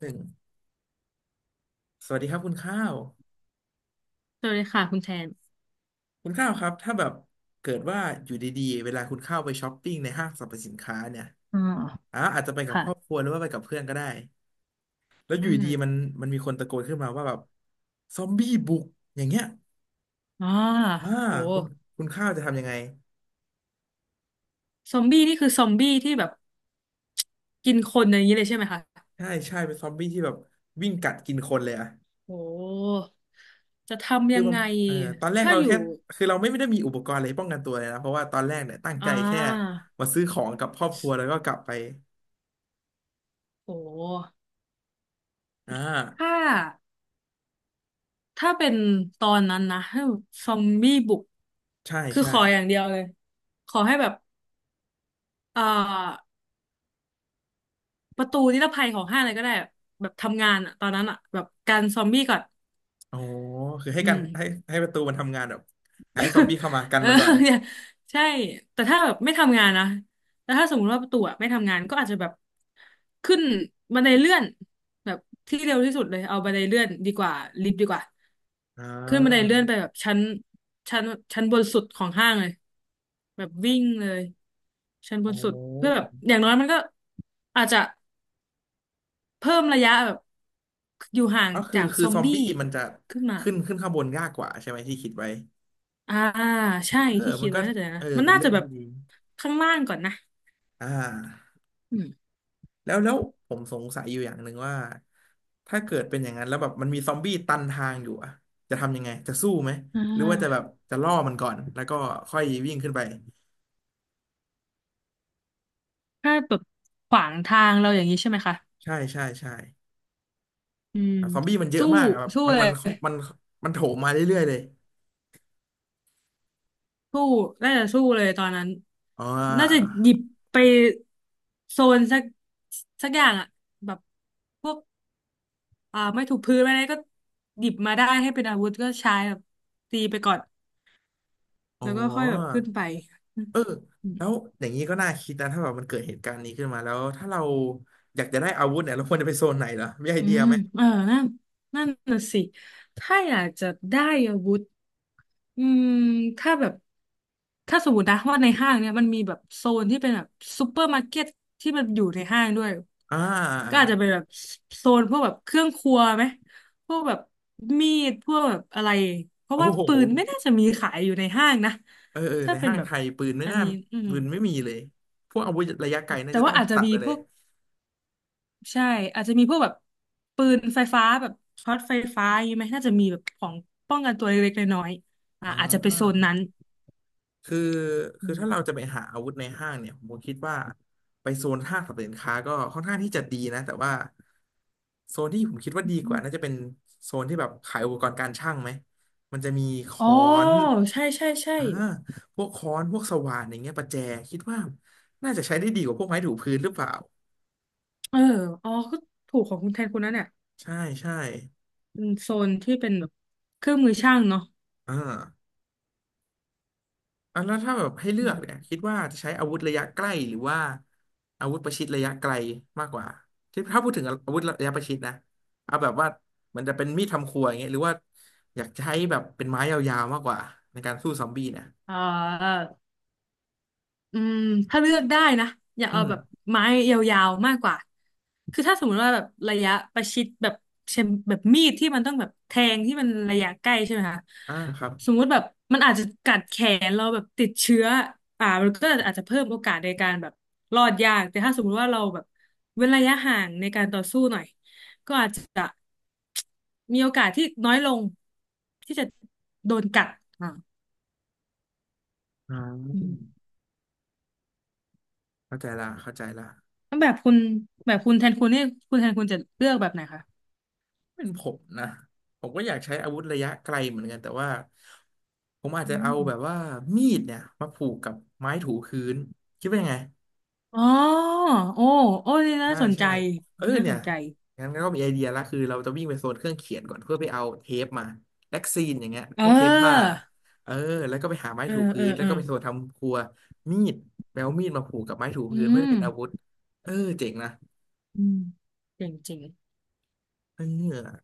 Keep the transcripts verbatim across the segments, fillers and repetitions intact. หนึ่งสวัสดีครับคุณข้าวสวัสดีค่ะคุณแทนคุณข้าวครับถ้าแบบเกิดว่าอยู่ดีๆเวลาคุณข้าวไปช้อปปิ้งในห้างสรรพสินค้าเนี่ยอ่าอ่ะอาจจะไปกับค่ะครอบครัวหรือว่าไปกับเพื่อนก็ได้แล้วออืยู่ดีๆมันมมันมีคนตะโกนขึ้นมาว่าแบบซอมบี้บุกอย่างเงี้ยอ่ามาโหคุณคุณข้าวจะทำยังไงซอมบี้นี่คือซอมบี้ที่แบบกินคนอย่างนี้เลยใช่ไหมคะใช่ใช่เป็นซอมบี้ที่แบบวิ่งกัดกินคนเลยอะโหจะทำคือยังมันไง เอ่อตอนแรกถ้าเราอยู่แค่คือเราไม่ไม่ได้มีอุปกรณ์อะไรป้องกันตัวเลยนะเพราะว่าตอนแรกเนี่ยตั้งอ่ใจแค่ามาซื้อของกับครอบครัวแล้วก็กลับไปโหอ่ถ้าาถ้าเป็นตอนนั้นนะถ้าซอมบี้บุก ใช่คือใช่ ขออย่างเดียวเลย ขอให้แบบเอ่อประตูนิรภัยของห้างอะไรก็ได้แบบทำงานอะตอนนั้นอะแบบกันซอมบี้ก่อนโอ้โคือให้อืกันม ให้ให้ประตูมันทำงานแบบให้ซอมบี้เข้ามากันเออ มันก่อน เนี่ยใช่แต่ถ้าแบบไม่ทำงานนะแต่ถ้าสมมติว่าประตูอะไม่ทำงานก็อาจจะแบบขึ้นบันไดเลื่อนแบบที่เร็วที่สุดเลยเอาบันไดเลื่อนดีกว่าลิฟต์ดีกว่าอ่ขึ้นบันไดาเลื่อนไปแบบชั้นชั้นชั้นบนสุดของห้างเลยแบบวิ่งเลยชั้นบโอนสุดเพื่อแบ้บอย่างน้อยมันก็อาจจะเพิ่มระยะแบบอยู่ห่างก็คือจากคืซออมซอมบี้บี้มันจะขึ้นมาขึ้นขึ้นข้างบนยากกว่าใช่ไหมที่คิดไว้อ่าใช่เออที่มัคิดนก็ไว้น่าจะเอนะอมันเป็นน่าเรื่อจะงแบบที่ดีข้างล่างก่อนนะ อ่าอืมแล้วแล้วผมสงสัยอยู่อย่างหนึ่งว่าถ้าเกิดเป็นอย่างนั้นแล้วแบบมันมีซอมบี้ตันทางอยู่อะจะทำยังไงจะสู้ไหมอ่หรือว่าจะแบบาจะล่อมันก่อนแล้วก็ค่อยวิ่งขึ้นไปถ้าแบบขวางทางเราอย่างนี้ใช่ไหมคะ ใช่ใช่ใช่อืม แบบซอมบี้มันเยอะสู้ มากอะแบบสู้มันเลมัย นมันมันโถมมาเรื่อยๆเลย สู้น่าจะสู้เลยตอนนั้น อ๋อน่าจะหยิบไปโซนสักสักอย่างอะแบบพวกอ่าไม่ถูกพื้นไม่ได้ก็หยิบมาได้ให้เป็นอาวุธก็ใช้แบบตีไปก่อนอ๋อแล้วก็ค่อยแบบขึ้นไป เออแล้วอย่างนี้ก็น่าคิดนะถ้าแบบมันเกิดเหตุการณ์นี้ขึ้นมาแล้ว ถ้าเราอยากจะได้อาวุธเนี่ย เราควรจะไปโซนไหนเหรอมีไออืเดียมไหมเออนั่นนั่นน่ะสิถ้าอยากจะได้อาวุธอืมถ้าแบบถ้าสมมตินะว่าในห้างเนี่ยมันมีแบบโซนที่เป็นแบบซูเปอร์มาร์เก็ตที่มันอยู่ในห้างด้วยอ่าอ่าก็อาจจะเป็นแบบโซนพวกแบบเครื่องครัวไหมพวกแบบมีดพวกแบบอะไรเพราะโอ้ว่าโหปืนไม่น่าจะมีขายอยู่ในห้างนะเออเออถ้าในเป็นห้างแบไทบยปืนไม่อันน่านี้อืมปืนไม่มีเลย พวกอาวุธระยะไกลอ่ะน่าแต่จะต้ว่าองอาจจะตัดมีไปเลพยวก ใช่อาจจะมีพวกแบบปืนไฟฟ้าแบบช็อตไฟฟ้าอย่างงี้ไหมน่าจะมีแบบของป้องกันตัวเล็กๆน้อยๆอ่าอ่อาจจะไปโซนา นั้นคือคืออืมถ้าเราจะไปหาอาวุธในห้างเนี่ยผมคิดว่าไปโซนห้างสรรพสินค้าก็ค่อนข้างที่จะดีนะแต่ว่าโซนที่ผมคิดว่าดีกอืว่ามน่าจะเป็นโซนที่แบบขายอุปกรณ์การช่างไหมมันจะมีอ๋อค้อนใช่ใช่ใช่อ่าพวกค้อนพวกสว่านอย่างเงี้ยประแจคิดว่าน่าจะใช้ได้ดีกว่าพวกไม้ถูพื้นหรือเปล่าเอออ๋อก็ถูกของคุณแทนคุณนั่นเนี่ยใช่ใช่เป็นโซนที่เป็นแบบเครื่องมือช่างเนาะอ่า อ่ะแล้วถ้าแบบให้เลือือกเนี่ยมคิดว่าจะใช้อาวุธระยะใกล้หรือว่าอาวุธประชิดระยะไกลมากกว่าที่ถ้าพูดถึงอาวุธระยะประชิดนะเอาแบบว่ามันจะเป็นมีดทำครัวอย่างเงี้ยหรือว่าอยากใช้แบบเป็นไม้ยาวๆมากกว่าในการสู้ซอมบี้เนี่ยอ่า อืมถ้าเลือกได้นะอยากอืเอามแบบไม้ยาวๆมากกว่าคือถ้าสมมติว่าแบบระยะประชิดแบบเช่นแบบมีดที่มันต้องแบบแทงที่มันระยะใกล้ใช่ไหมคะอ่าครับสมมุติแบบมันอาจจะกัดแขนเราแบบติดเชื้ออ่ามันก็อาจจะเพิ่มโอกาสในการแบบรอดยากแต่ถ้าสมมุติว่าเราแบบเว้นระยะห่างในการต่อสู้หน่อยก็อาจจะมีโอกาสที่น้อยลงที่จะโดนกัดอ่าอ่าอืม เข้าใจละเข้าใจละแล้วแบบคุณแบบคุณแทนคุณเนี่ยคุณแทนคุณจะเลือกแบบไหนคะเป็นผมนะผมก็อยากใช้อาวุธระยะไกลเหมือนกันแต่ว่าผมอาจอืจะเอาแบบมว่ามีดเนี่ยมาผูกกับไม้ถูพื้นคิดว่ายังไง อ๋อโอ้โอ้ นี่น่าใช่สนใจ ใช่เออนี่น่าเนี่สยนใจ งั้นก็มีไอเดียละคือเราจะวิ่งไปโซนเครื่องเขียนก่อนเพื่อไปเอาเทปมาแล็กซีนอย่างเงี้ยเพวกเทปผ้าออ เออแล้วก็ไปหาไม้เออ ถูเอพื้อนแล้วเออก็ไปโซนทำครัวมีดแปลวามีดมาผูกกับไม้ถูอืพื้นเพื่อให้มเป็นอาวุธเออเจ๋งนะอืมเจ๋งจริง เออ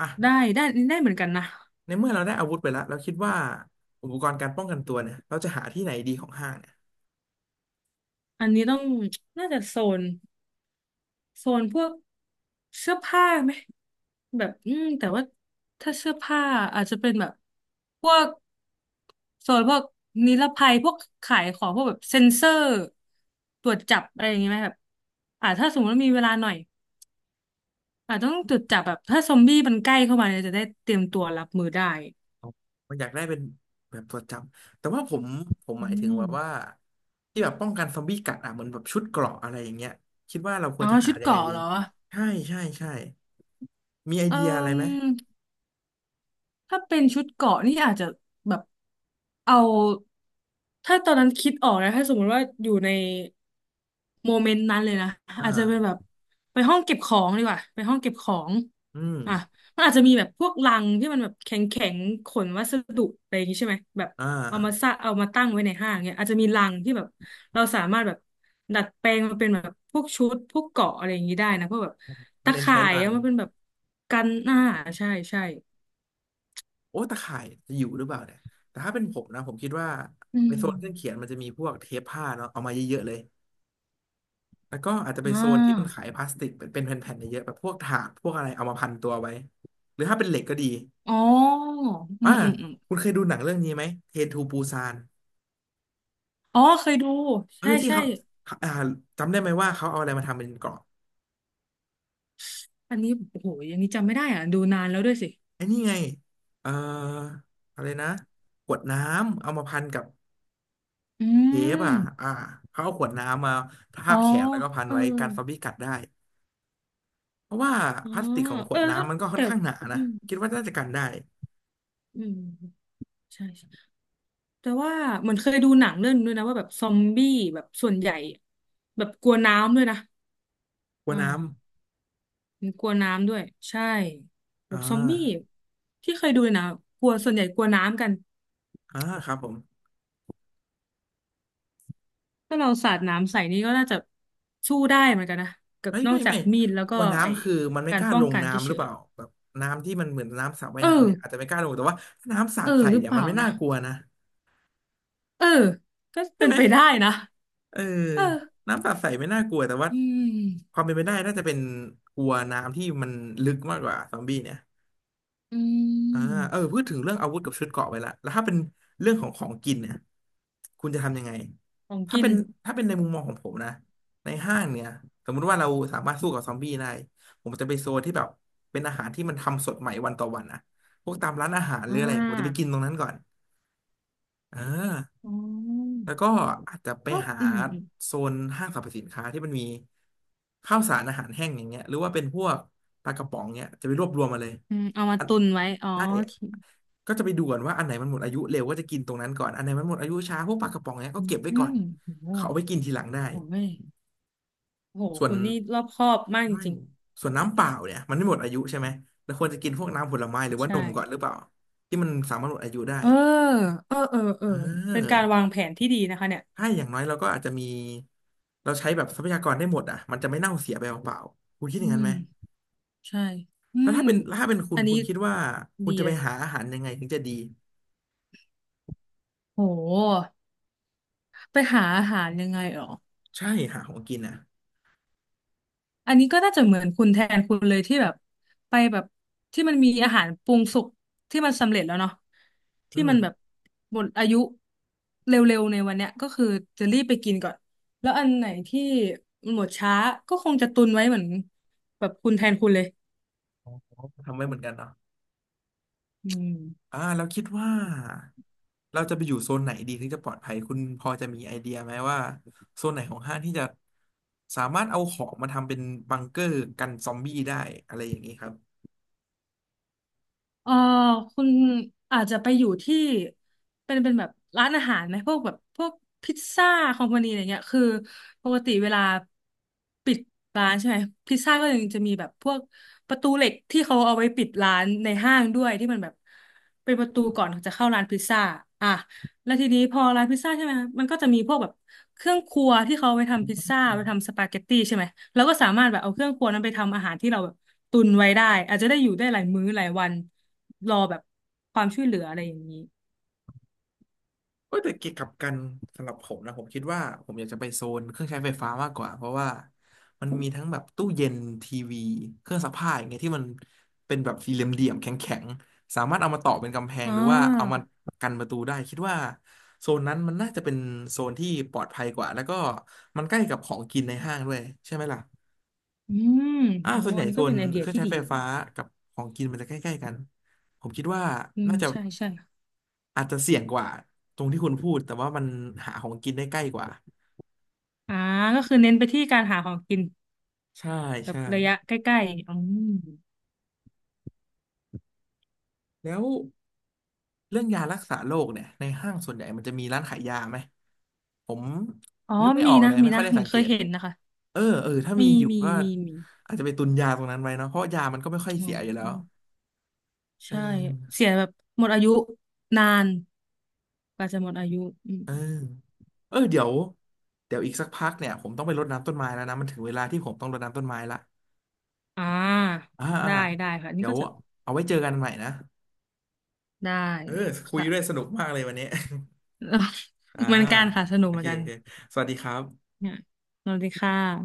อ่ะได้ได้ได้เหมือนกันนะ ในเมื่อเราได้อาวุธไปแล้วเราคิดว่าอุปกรณ์การป้องกันตัวเนี่ยเราจะหาที่ไหนดีของห้างเนี่ย อันนี้ต้องน่าจะโซนโซนพวกเสื้อผ้าไหม แบบอืมแต่ว่าถ้าเสื้อผ้าอาจจะเป็นแบบพวกโซนพวกนิรภัยพวกขายของพวกแบบเซ็นเซอร์ตรวจจับอะไรอย่างเงี้ยไหมแบบอ่าถ้าสมมติว่ามีเวลาหน่อยอาจต้องตรวจจับแบบถ้าซอมบี้มันใกล้เข้ามาเนี่ยจะได้เตรียมตัวรับมือได้มันอยากได้เป็นแบบตัวจำแต่ว่าผมผมหอืมายถึงแบบว่ามที่แบบป้องกันซอมบี้กัดอ่ะเหมือนแบบชุดเกราะอะไรอย่างเงี้ยคิดว่าเราควอ๋รอจะหาชุดยัเกงไงราะดีเหรอใช่ใช่ใช่มีไอเเดียอะไรไหมออ ถ้าเป็นชุดเกราะนี่อาจจะแบบเอาถ้าตอนนั้นคิดออกนะถ้าสมมติว่าอยู่ในโมเมนต์นั้นเลยนะอ่อาจจะเป็นแบบาไปห้องเก็บของดีกว่าไปห้องเก็บของอืมอ่ะมันอาจจะมีแบบพวกลังที่มันแบบแข็งแข็งขนวัสดุอะไรอย่างงี้ใช่ไหมแบบอ่าเอามาซะเอามาตั้งไว้ในห้างเนี่ยอาจจะมีลังที่แบบเราสามารถแบบดัดแปลงมาเป็นแบบพวกชุดพวกเกราะอะไรอย่างนี้ได้นะพวกแบบมันตะเน้นใช้ข่ายลังเอามาเป็นแบบกันหน้าใช่ใช่โอ้ตะข่ายจะอยู่หรือเปล่าเนี่ยแต่ถ้าเป็นผมนะผมคิดว่าอืในโซนเครื่องเขียม นมันจะมีพวกเทปผ้าเนาะเอามาเยอะๆเลยแล้วก็อาจจะไปอ่โซนที่มันาขายพลาสติกเป็นเป็นแผ่นๆเยอะๆแบบพวกถาดพวกอะไรเอามาพันตัวไว้หรือถ้าเป็นเหล็กก็ดี อ๋ออือ่ามอืมอืมคุณเคยดูหนังเรื่องนี้ไหมเทนทูปูซานอ๋อเคยดูเออใช่ที่ใช่เขาอ่าจำได้ไหมว่าเขาเอาอะไรมาทำเป็นเกราะอันนี้โอ้โหอย่างนี้จำไม่ได้อ่ะดูนานแล้วด้วยสิไอ้นี่ไงเอ่ออะไรนะขวดน้ำเอามาพันกับอืเทปมอ่ะอ่าเขาเอาขวดน้ำมาทาอ๋อบแขนแล้วก็พันเออไว้กันซอมบี้กัดได้เพราะว่าอ๋อพลาสติกของขเอวดอน้ำมันก็ค่อแต่นข้างหนาอืนะมคิดว่าน่าจะกันได้อืมใช่ใช่แต่ว่าเหมือนเคยดูหนังเรื่องนึงด้วยนะว่าแบบซอมบี้แบบส่วนใหญ่แบบกลัวน้ำด้วยนะกลัอวน้่ามันกลัวน้ำด้วยใช่ำแบอ่าบซอมบี้ที่เคยดูนะกลัวส่วนใหญ่กลัวน้ำกัน อ่าครับผม ถ้าเราสาดน้ำใส่นี่ก็น่าจะสู้ได้เหมือนกันนะกับเฮ้ยนอไม่กจากไม่มีดแล้วกก็ลัวไอ้น้ำคือมันไม่กากรล้าป้อลงงกันน้ำหเฉรือเปยล่าแบบน้ำที่มันเหมือนน้ำสระว่าๆเอยน้ำอเนี่ยอาจจะไม่กล้าลงแต่ว่าถ้าน้ำสาเอดอใส่หรือเนี่ยเปมัล่านไม่น่านะกลัวนะเออก็เป็นไปได้นะเออเออน้ำสาดใส่ไม่น่ากลัวแต่ว่าอืคมวามเป็นไปได้น่าจะเป็นกลัวน้ำที่มันลึกมากกว่าซอมบี้เนี่ย อือ่าเอมอพูดถึงเรื่องอาวุธกับชุดเกราะไปละแล้วถ้าเป็นเรื่องของของกินเนี่ยคุณจะทำยังไงของถ้ากินเป็นถ้าเป็นในมุมมองของผมนะในห้างเนี่ยสมมุติว่าเราสามารถสู้กับซอมบี้ได้ผมจะไปโซนที่แบบเป็นอาหารที่มันทำสดใหม่วันต่อวันนะพวกตามร้านอาหารหอ่รืออะไรผมจะไปกิานตรงนั้นก่อนอ่า อ๋อแล้วก็อาจจะไปก็หาอืมอืมโซนห้างสรรพสินค้าที่มันมีข้าวสารอาหารแห้งอย่างเงี้ยหรือว่าเป็นพวกปลากระป๋องเงี้ยจะไปรวบรวมมาเลยอืมเอามาอันตุนไว้อ๋อใช่โอเคก็จะไปดูก่อนว่าอันไหนมันหมดอายุเร็วก็จะกินตรงนั้นก่อนอันไหนมันหมดอายุช้าพวกปลากระป๋องเนี้ยก็เก็บไว้อืก่อนมโหโหเขาเอาไปกินทีหลังได้โอ้ยโโหส่วนคุณนี่รอบคอบมากจไม่ริงส่วนน้ำเปล่าเนี่ยมันไม่หมดอายุใช่ไหมแล้วควรจะกินพวกน้ำผลไม้หรือๆว่าใช่นมก่อนหรือเปล่าที่มันสามารถหมดอายุได้เออเออเออเออเอเป็นการวาอ งแผนที่ดีนะคะเนี่ยใช่อย่างน้อยเราก็อาจจะมีเราใช้แบบทรัพยากรได้หมดอ่ะมันจะไม่เน่าเสียไปเปล่าๆคุณคิดออืย่างนั้นม ไหมใช่อืแล้วมถ้าเป็นถ้าเป็นคุอัณนนี้คุณคิดว่าคุดีณจะเลไปย หาอาหารยังไงถึงจะดีโห ไปหาอาหารยังไงหรอใช่หาของกินอ่ะอันนี้ก็น่าจะเหมือนคุณแทนคุณเลยที่แบบไปแบบที่มันมีอาหารปรุงสุกที่มันสำเร็จแล้วเนาะอืที่มมันแบบหมดอายุเร็วๆในวันเนี้ยก็คือจะรีบไปกินก่อนแล้วอันไหนที่หมดช้าก็คงจะตุนไว้เหมือนแบบคุณแทนคุณเลยทำไว้เหมือนกันเนาะอืม อ่าเราคิดว่าเราจะไปอยู่โซนไหนดีถึงจะปลอดภัยคุณพอจะมีไอเดียไหมว่าโซนไหนของห้างที่จะสามารถเอาของมาทำเป็นบังเกอร์กันซอมบี้ได้อะไรอย่างนี้ครับ เออคุณอาจจะไปอยู่ที่เป็นเป็นแบบร้านอาหารไหมพวกแบบพวกพิซซ่าคอมพานีอะไรเงี้ยคือปกติเวลาปิดร้านใช่ไหมพิซซ่าก็ยังจะมีแบบพวกประตูเหล็กที่เขาเอาไว้ปิดร้านในห้างด้วยที่มันแบบเป็นประตูก่อนจะเข้าร้านพิซซ่าอ่ะแล้วทีนี้พอร้านพิซซ่าใช่ไหมคะมันก็จะมีพวกแบบเครื่องครัวที่เขาเอาไปทำพิซซ่าไปทำสปาเกตตี้ใช่ไหมแล้วก็สามารถแบบเอาเครื่องครัวนั้นไปทำอาหารที่เราแบบตุนไว้ได้อาจจะได้อยู่ได้หลายมื้อหลายวัน รอแบบความช่วยเหลืออะไรอย่างนี้เอยแต่เกี่ยวกับกันสำหรับผมนะผมคิดว่าผมอยากจะไปโซนเครื่องใช้ไฟฟ้ามากกว่าเพราะว่ามันมีทั้งแบบตู้เย็นทีวีเครื่องซักผ้าอย่างเงี้ยที่มันเป็นแบบสี่เหลี่ยมๆแข็งๆสามารถเอามาต่อเป็นกำแพงอ่หรือว่าเอาามากันประตูได้คิดว่าโซนนั้นมันน่าจะเป็นโซนที่ปลอดภัยกว่าแล้วก็มันใกล้กับของกินในห้างด้วยใช่ไหมล่ะอืมอ่าโอ้ส่วนใหอัญ่นนี้โซก็เป็นนไอเดีเคยรื่องที่ใช้ดีไฟฟ้ากับของกินมันจะใกล้ๆกันผมคิดว่าอืมน่าจะ ใช่ใช่อาจจะเสี่ยงกว่าตรงที่คุณพูดแต่ว่ามันหาของกินได้ใกล้กว่า อ่าก็คือเน้นไปที่การหาของกินใช่แบบใช่ระยะใกล้ๆอืมแล้วเรื่องยารักษาโรคเนี่ยในห้างส่วนใหญ่ มันจะมีร้านขายยาไหมผมอ๋อนึกไม่อมีอกเลนะ ยมีไม่ค่อนะ ยได้เหมือสันงเกเคยต เห็นนะคะ เออเออถ้ามีมีอยู่มีก็มีมีอาจจะไปตุนยาตรงนั้นไว้เนาะเพราะยามันก็ไม่ค่อยอ๋อเสียอยู่แล้อืวมเอใช่ เสีอยแบบหมดอายุนานกว่าจะหมดอายุอืมเออเออเดี๋ยวเดี๋ยวอีกสักพักเนี่ยผมต้องไปรดน้ำต้นไม้แล้วนะมันถึงเวลาที่ผมต้องรดน้ำต้นไม้ละอ่าอ่าอ่าได้ได้ค่ะนี่เดี๋ยก็วจะเอาไว้เจอกันใหม่นะได้เออคุยค่ะ ด้วยสนุกมากเลยวันนี้ อ่า เหมือนกันค่ะ สนุกโอเหมืเคอนกันโอเคสวัสดีครับเนี่ยสวัสดีค่ะ